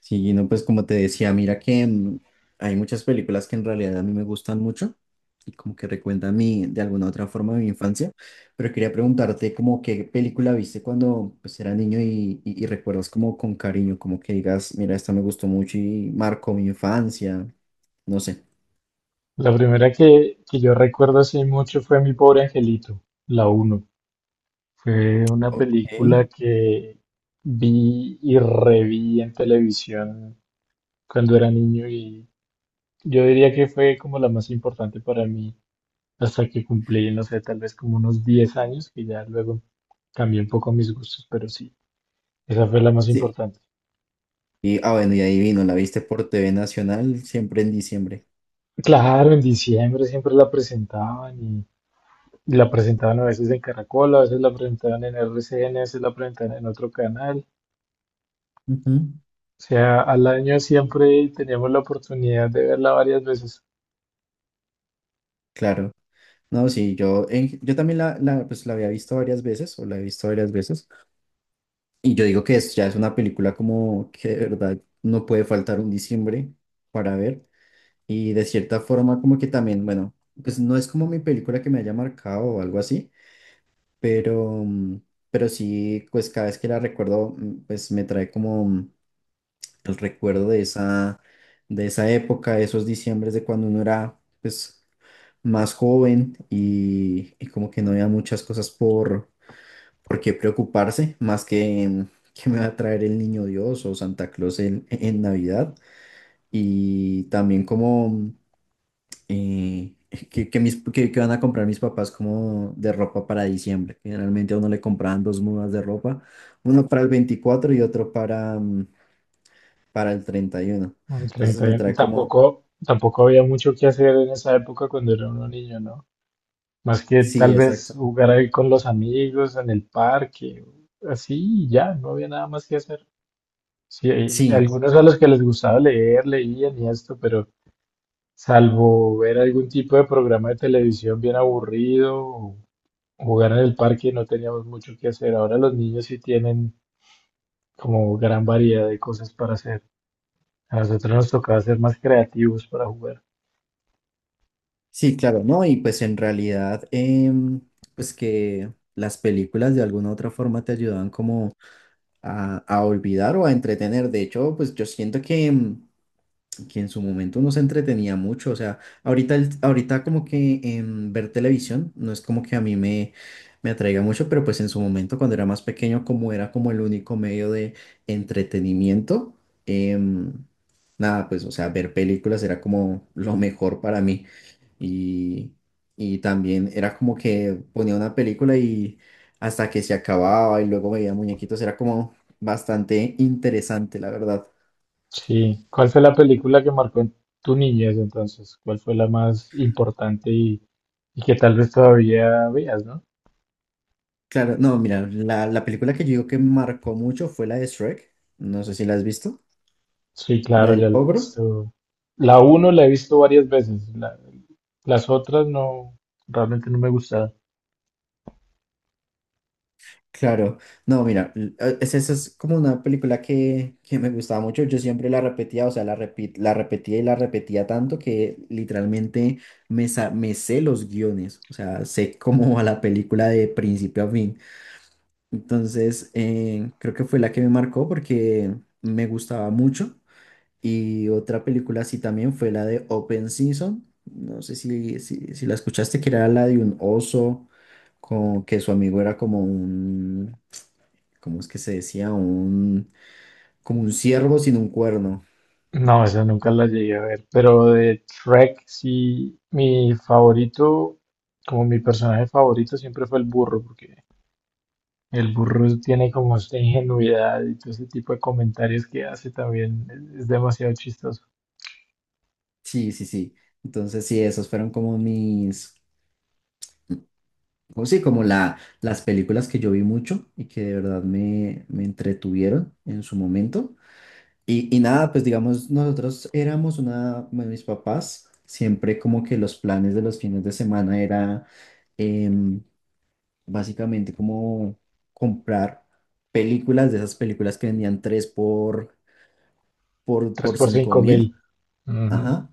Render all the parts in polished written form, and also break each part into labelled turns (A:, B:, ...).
A: Sí, no, pues como te decía, mira que hay muchas películas que en realidad a mí me gustan mucho y como que recuentan de alguna otra forma mi infancia, pero quería preguntarte como qué película viste cuando pues era niño y recuerdas como con cariño, como que digas, mira, esta me gustó mucho y marcó mi infancia, no sé.
B: La primera que yo recuerdo hace mucho fue Mi pobre angelito, la uno. Fue una
A: Ok,
B: película que vi y reví en televisión cuando era niño y yo diría que fue como la más importante para mí hasta que cumplí, no sé, tal vez como unos 10 años, que ya luego cambié un poco mis gustos, pero sí, esa fue la más
A: sí.
B: importante.
A: Y, bueno, y ahí vino, la viste por TV Nacional siempre en diciembre.
B: Claro, en diciembre siempre la presentaban y la presentaban a veces en Caracol, a veces la presentaban en RCN, a veces la presentaban en otro canal.
A: Ujú.
B: Sea, al año siempre teníamos la oportunidad de verla varias veces.
A: Claro. No, sí, yo también pues, la había visto varias veces, o la he visto varias veces. Y yo digo que es, ya es una película como que de verdad no puede faltar un diciembre para ver. Y de cierta forma como que también, bueno, pues no es como mi película que me haya marcado o algo así, pero, mm, pero sí, pues cada vez que la recuerdo, pues me trae como el recuerdo de esa época, de esos diciembres de cuando uno era pues más joven y como que no había muchas cosas por. ¿Por qué preocuparse más que me va a traer el niño Dios o Santa Claus en Navidad? Y también como eh, que van a comprar mis papás como de ropa para diciembre. Generalmente a uno le compraban dos mudas de ropa, uno para el 24 y otro para el 31.
B: En
A: Entonces me
B: 31. Y
A: trae como,
B: tampoco había mucho que hacer en esa época cuando era uno niño, ¿no? Más que
A: sí,
B: tal vez
A: exacto.
B: jugar ahí con los amigos en el parque, así, y ya, no había nada más que hacer. Sí, hay
A: Sí,
B: algunos a los que les gustaba leer, leían y esto, pero salvo ver algún tipo de programa de televisión bien aburrido o jugar en el parque, no teníamos mucho que hacer. Ahora los niños sí tienen como gran variedad de cosas para hacer. A nosotros nos tocaba ser más creativos para jugar.
A: sí, claro, ¿no? Y pues en realidad, pues que las películas de alguna u otra forma te ayudaban como a olvidar o a entretener. De hecho, pues yo siento que que en su momento nos entretenía mucho. O sea, ahorita como que ver televisión no es como que a me atraiga mucho, pero pues en su momento cuando era más pequeño, como era como el único medio de entretenimiento, em, nada, pues o sea, ver películas era como lo mejor para mí. Y, y también era como que ponía una película y hasta que se acababa y luego veía muñequitos, era como bastante interesante, la verdad.
B: Sí. ¿Cuál fue la película que marcó en tu niñez entonces? ¿Cuál fue la más importante y que tal vez todavía veas, no?
A: Claro, no, mira, la película que yo digo que me marcó mucho fue la de Shrek. No sé si la has visto.
B: Sí,
A: La
B: claro, ya
A: del
B: la he
A: ogro.
B: visto. La uno la he visto varias veces. Las otras no, realmente no me gustaron.
A: Claro, no, mira, esa es como una película que me gustaba mucho. Yo siempre la repetía, o sea, la repetía y la repetía tanto que literalmente me sé los guiones. O sea, sé cómo va la película de principio a fin. Entonces, creo que fue la que me marcó porque me gustaba mucho. Y otra película así también fue la de Open Season. No sé si la escuchaste, que era la de un oso, que su amigo era como un, ¿cómo es que se decía? Un, como un ciervo sin un cuerno.
B: No, esa nunca la llegué a ver. Pero de Shrek, sí, mi favorito, como mi personaje favorito siempre fue el burro, porque el burro tiene como esta ingenuidad y todo ese tipo de comentarios que hace también es demasiado chistoso.
A: Sí, sí, sí. Entonces sí, esas fueron como mis, como sí, como las películas que yo vi mucho y que de verdad me entretuvieron en su momento. Y nada, pues digamos, nosotros éramos una, bueno, mis papás, siempre como que los planes de los fines de semana era em, básicamente como comprar películas de esas películas que vendían tres
B: 3
A: por
B: por
A: cinco
B: cinco
A: mil,
B: mil. Ujú.
A: ajá,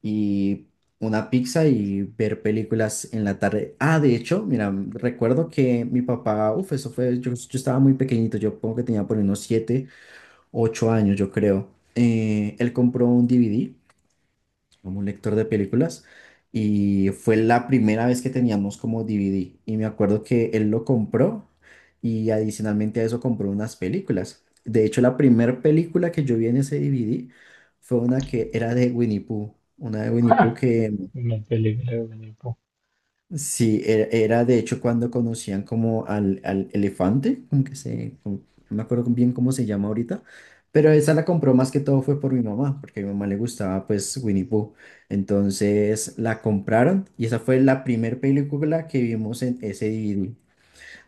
A: y una pizza y ver películas en la tarde. Ah, de hecho, mira, recuerdo que mi papá, uff, eso fue, yo estaba muy pequeñito, yo pongo que tenía por ahí unos 7 8 años, yo creo. Él compró un DVD como un lector de películas y fue la primera vez que teníamos como DVD y me acuerdo que él lo compró y adicionalmente a eso compró unas películas. De hecho, la primera película que yo vi en ese DVD fue una que era de Winnie Pooh, una de Winnie Pooh que.
B: Una película de Menipo.
A: Sí, era, era de hecho cuando conocían como al elefante, como que se, como- no me acuerdo bien cómo se llama ahorita, pero esa la compró más que todo fue por mi mamá, porque a mi mamá le gustaba pues Winnie Pooh. Entonces la compraron y esa fue la primer película que vimos en ese DVD.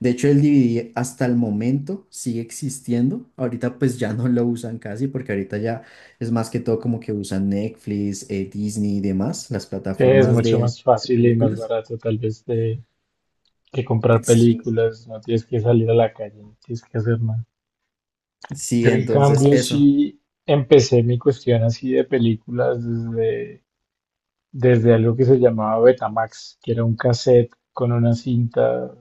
A: De hecho el DVD hasta el momento sigue existiendo, ahorita pues ya no lo usan casi porque ahorita ya es más que todo como que usan Netflix, Disney y demás, las
B: Sí, es
A: plataformas
B: mucho más
A: de
B: fácil y más
A: películas.
B: barato tal vez que comprar
A: Sí,
B: películas. No tienes que salir a la calle, no tienes que hacer nada.
A: sí,
B: Yo en
A: entonces
B: cambio
A: eso.
B: sí empecé mi cuestión así de películas desde algo que se llamaba Betamax, que era un cassette con una cinta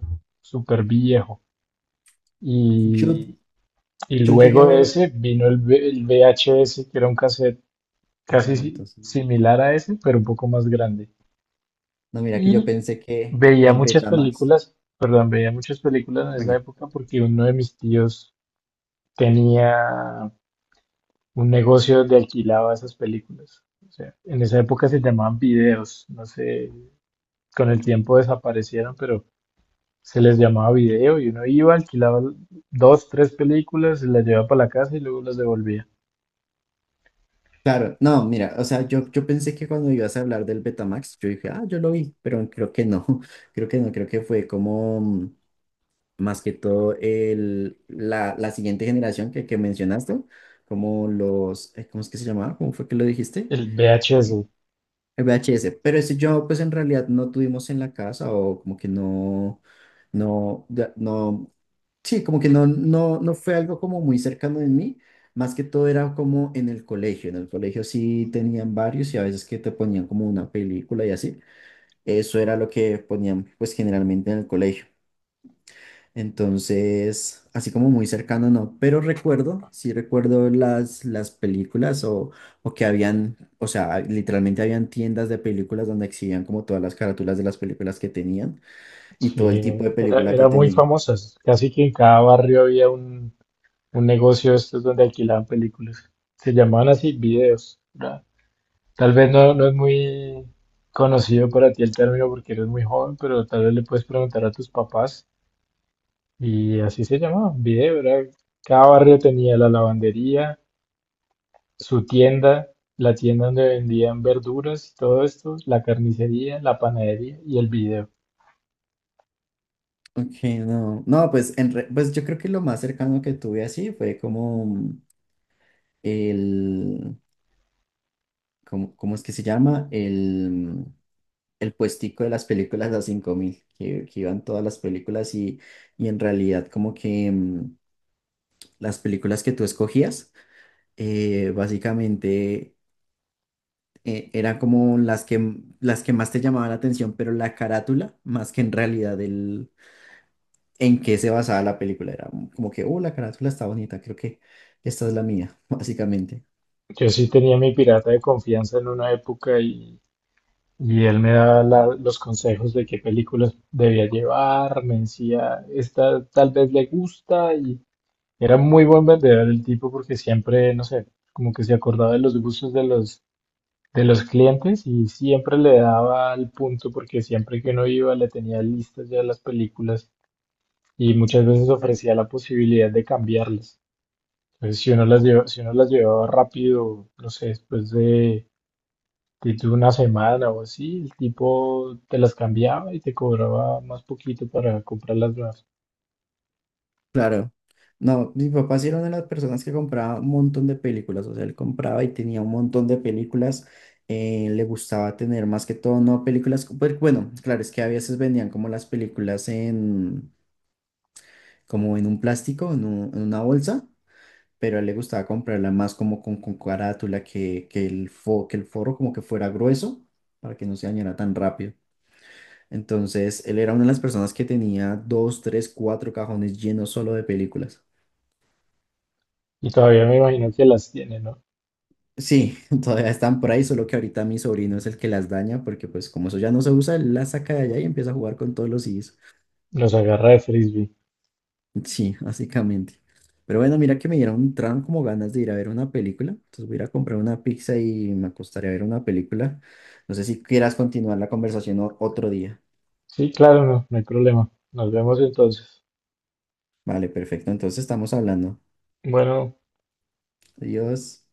B: súper viejo.
A: Yo,
B: Y, y
A: yo llegué a
B: luego de
A: ver.
B: ese vino el VHS, que era un cassette
A: Ah,
B: casi
A: no, entonces.
B: similar a ese, pero un poco más grande.
A: No, mira que yo
B: Y
A: pensé que
B: veía
A: el
B: muchas
A: Betamax.
B: películas, perdón, veía muchas películas en esa
A: Venga.
B: época porque uno de mis tíos tenía un negocio donde alquilaba esas películas. O sea, en esa época se llamaban videos, no sé, con el tiempo desaparecieron, pero se les llamaba video y uno iba, alquilaba dos, tres películas, se las llevaba para la casa y luego las devolvía.
A: Claro, no, mira, o sea, yo pensé que cuando ibas a hablar del Betamax, yo dije, ah, yo lo vi, pero creo que no, creo que no, creo que fue como más que todo la siguiente generación que mencionaste, como los, ¿cómo es que se llamaba? ¿Cómo fue que lo dijiste?
B: El VHS,
A: El VHS, pero ese yo pues en realidad no tuvimos en la casa o como que no, no. Sí, como que no fue algo como muy cercano en mí, más que todo era como en el colegio. En el colegio sí tenían varios y a veces que te ponían como una película y así. Eso era lo que ponían pues generalmente en el colegio. Entonces, así como muy cercano no, pero recuerdo, sí recuerdo las películas o que habían, o sea, literalmente habían tiendas de películas donde exhibían como todas las carátulas de las películas que tenían y todo
B: sí,
A: el tipo de
B: era,
A: película que
B: era muy
A: tenían.
B: famoso. Casi que en cada barrio había un negocio de estos donde alquilaban películas. Se llamaban así videos. ¿Verdad? Tal vez no, no es muy conocido para ti el término porque eres muy joven, pero tal vez le puedes preguntar a tus papás. Y así se llamaba, video, ¿verdad? Cada barrio tenía la lavandería, su tienda, la tienda donde vendían verduras y todo esto, la carnicería, la panadería y el video.
A: Ok, no. No, pues, pues yo creo que lo más cercano que tuve así fue como el, como, ¿cómo es que se llama? El puestico de las películas a 5000 que iban todas las películas y en realidad como que las películas que tú escogías, básicamente eran como las las que más te llamaban la atención, pero la carátula, más que en realidad en qué se basaba la película. Era como que, oh, la carátula está bonita, creo que esta es la mía, básicamente.
B: Yo sí tenía mi pirata de confianza en una época y él me daba los consejos de qué películas debía llevar, me decía, esta tal vez le gusta y era muy buen vendedor el tipo porque siempre, no sé, como que se acordaba de los gustos de los clientes y siempre le daba al punto porque siempre que uno iba le tenía listas ya las películas y muchas veces ofrecía la posibilidad de cambiarlas. Entonces, si uno las llevaba rápido, no sé, después de... Y tú una semana o así, el tipo te las cambiaba y te cobraba más poquito para comprar las nuevas.
A: Claro. No, mi papá sí era una de las personas que compraba un montón de películas, o sea, él compraba y tenía un montón de películas, le gustaba tener más que todo, no películas, pues, bueno, claro, es que a veces vendían como las películas en, como en un plástico, en una bolsa, pero a él le gustaba comprarla más como con carátula, que el que el forro como que fuera grueso, para que no se dañara tan rápido. Entonces, él era una de las personas que tenía dos, tres, cuatro cajones llenos solo de películas.
B: Y todavía me imagino que las tiene, ¿no?
A: Sí, todavía están por ahí, solo que ahorita mi sobrino es el que las daña, porque pues como eso ya no se usa, él las saca de allá y empieza a jugar con todos los CDs.
B: Los agarra de frisbee.
A: Sí, básicamente. Pero bueno, mira que me dieron, entraron como ganas de ir a ver una película. Entonces voy a ir a comprar una pizza y me acostaré a ver una película. No sé si quieras continuar la conversación o- otro día.
B: Sí, claro, no, no hay problema. Nos vemos entonces.
A: Vale, perfecto. Entonces estamos hablando.
B: Bueno.
A: Adiós.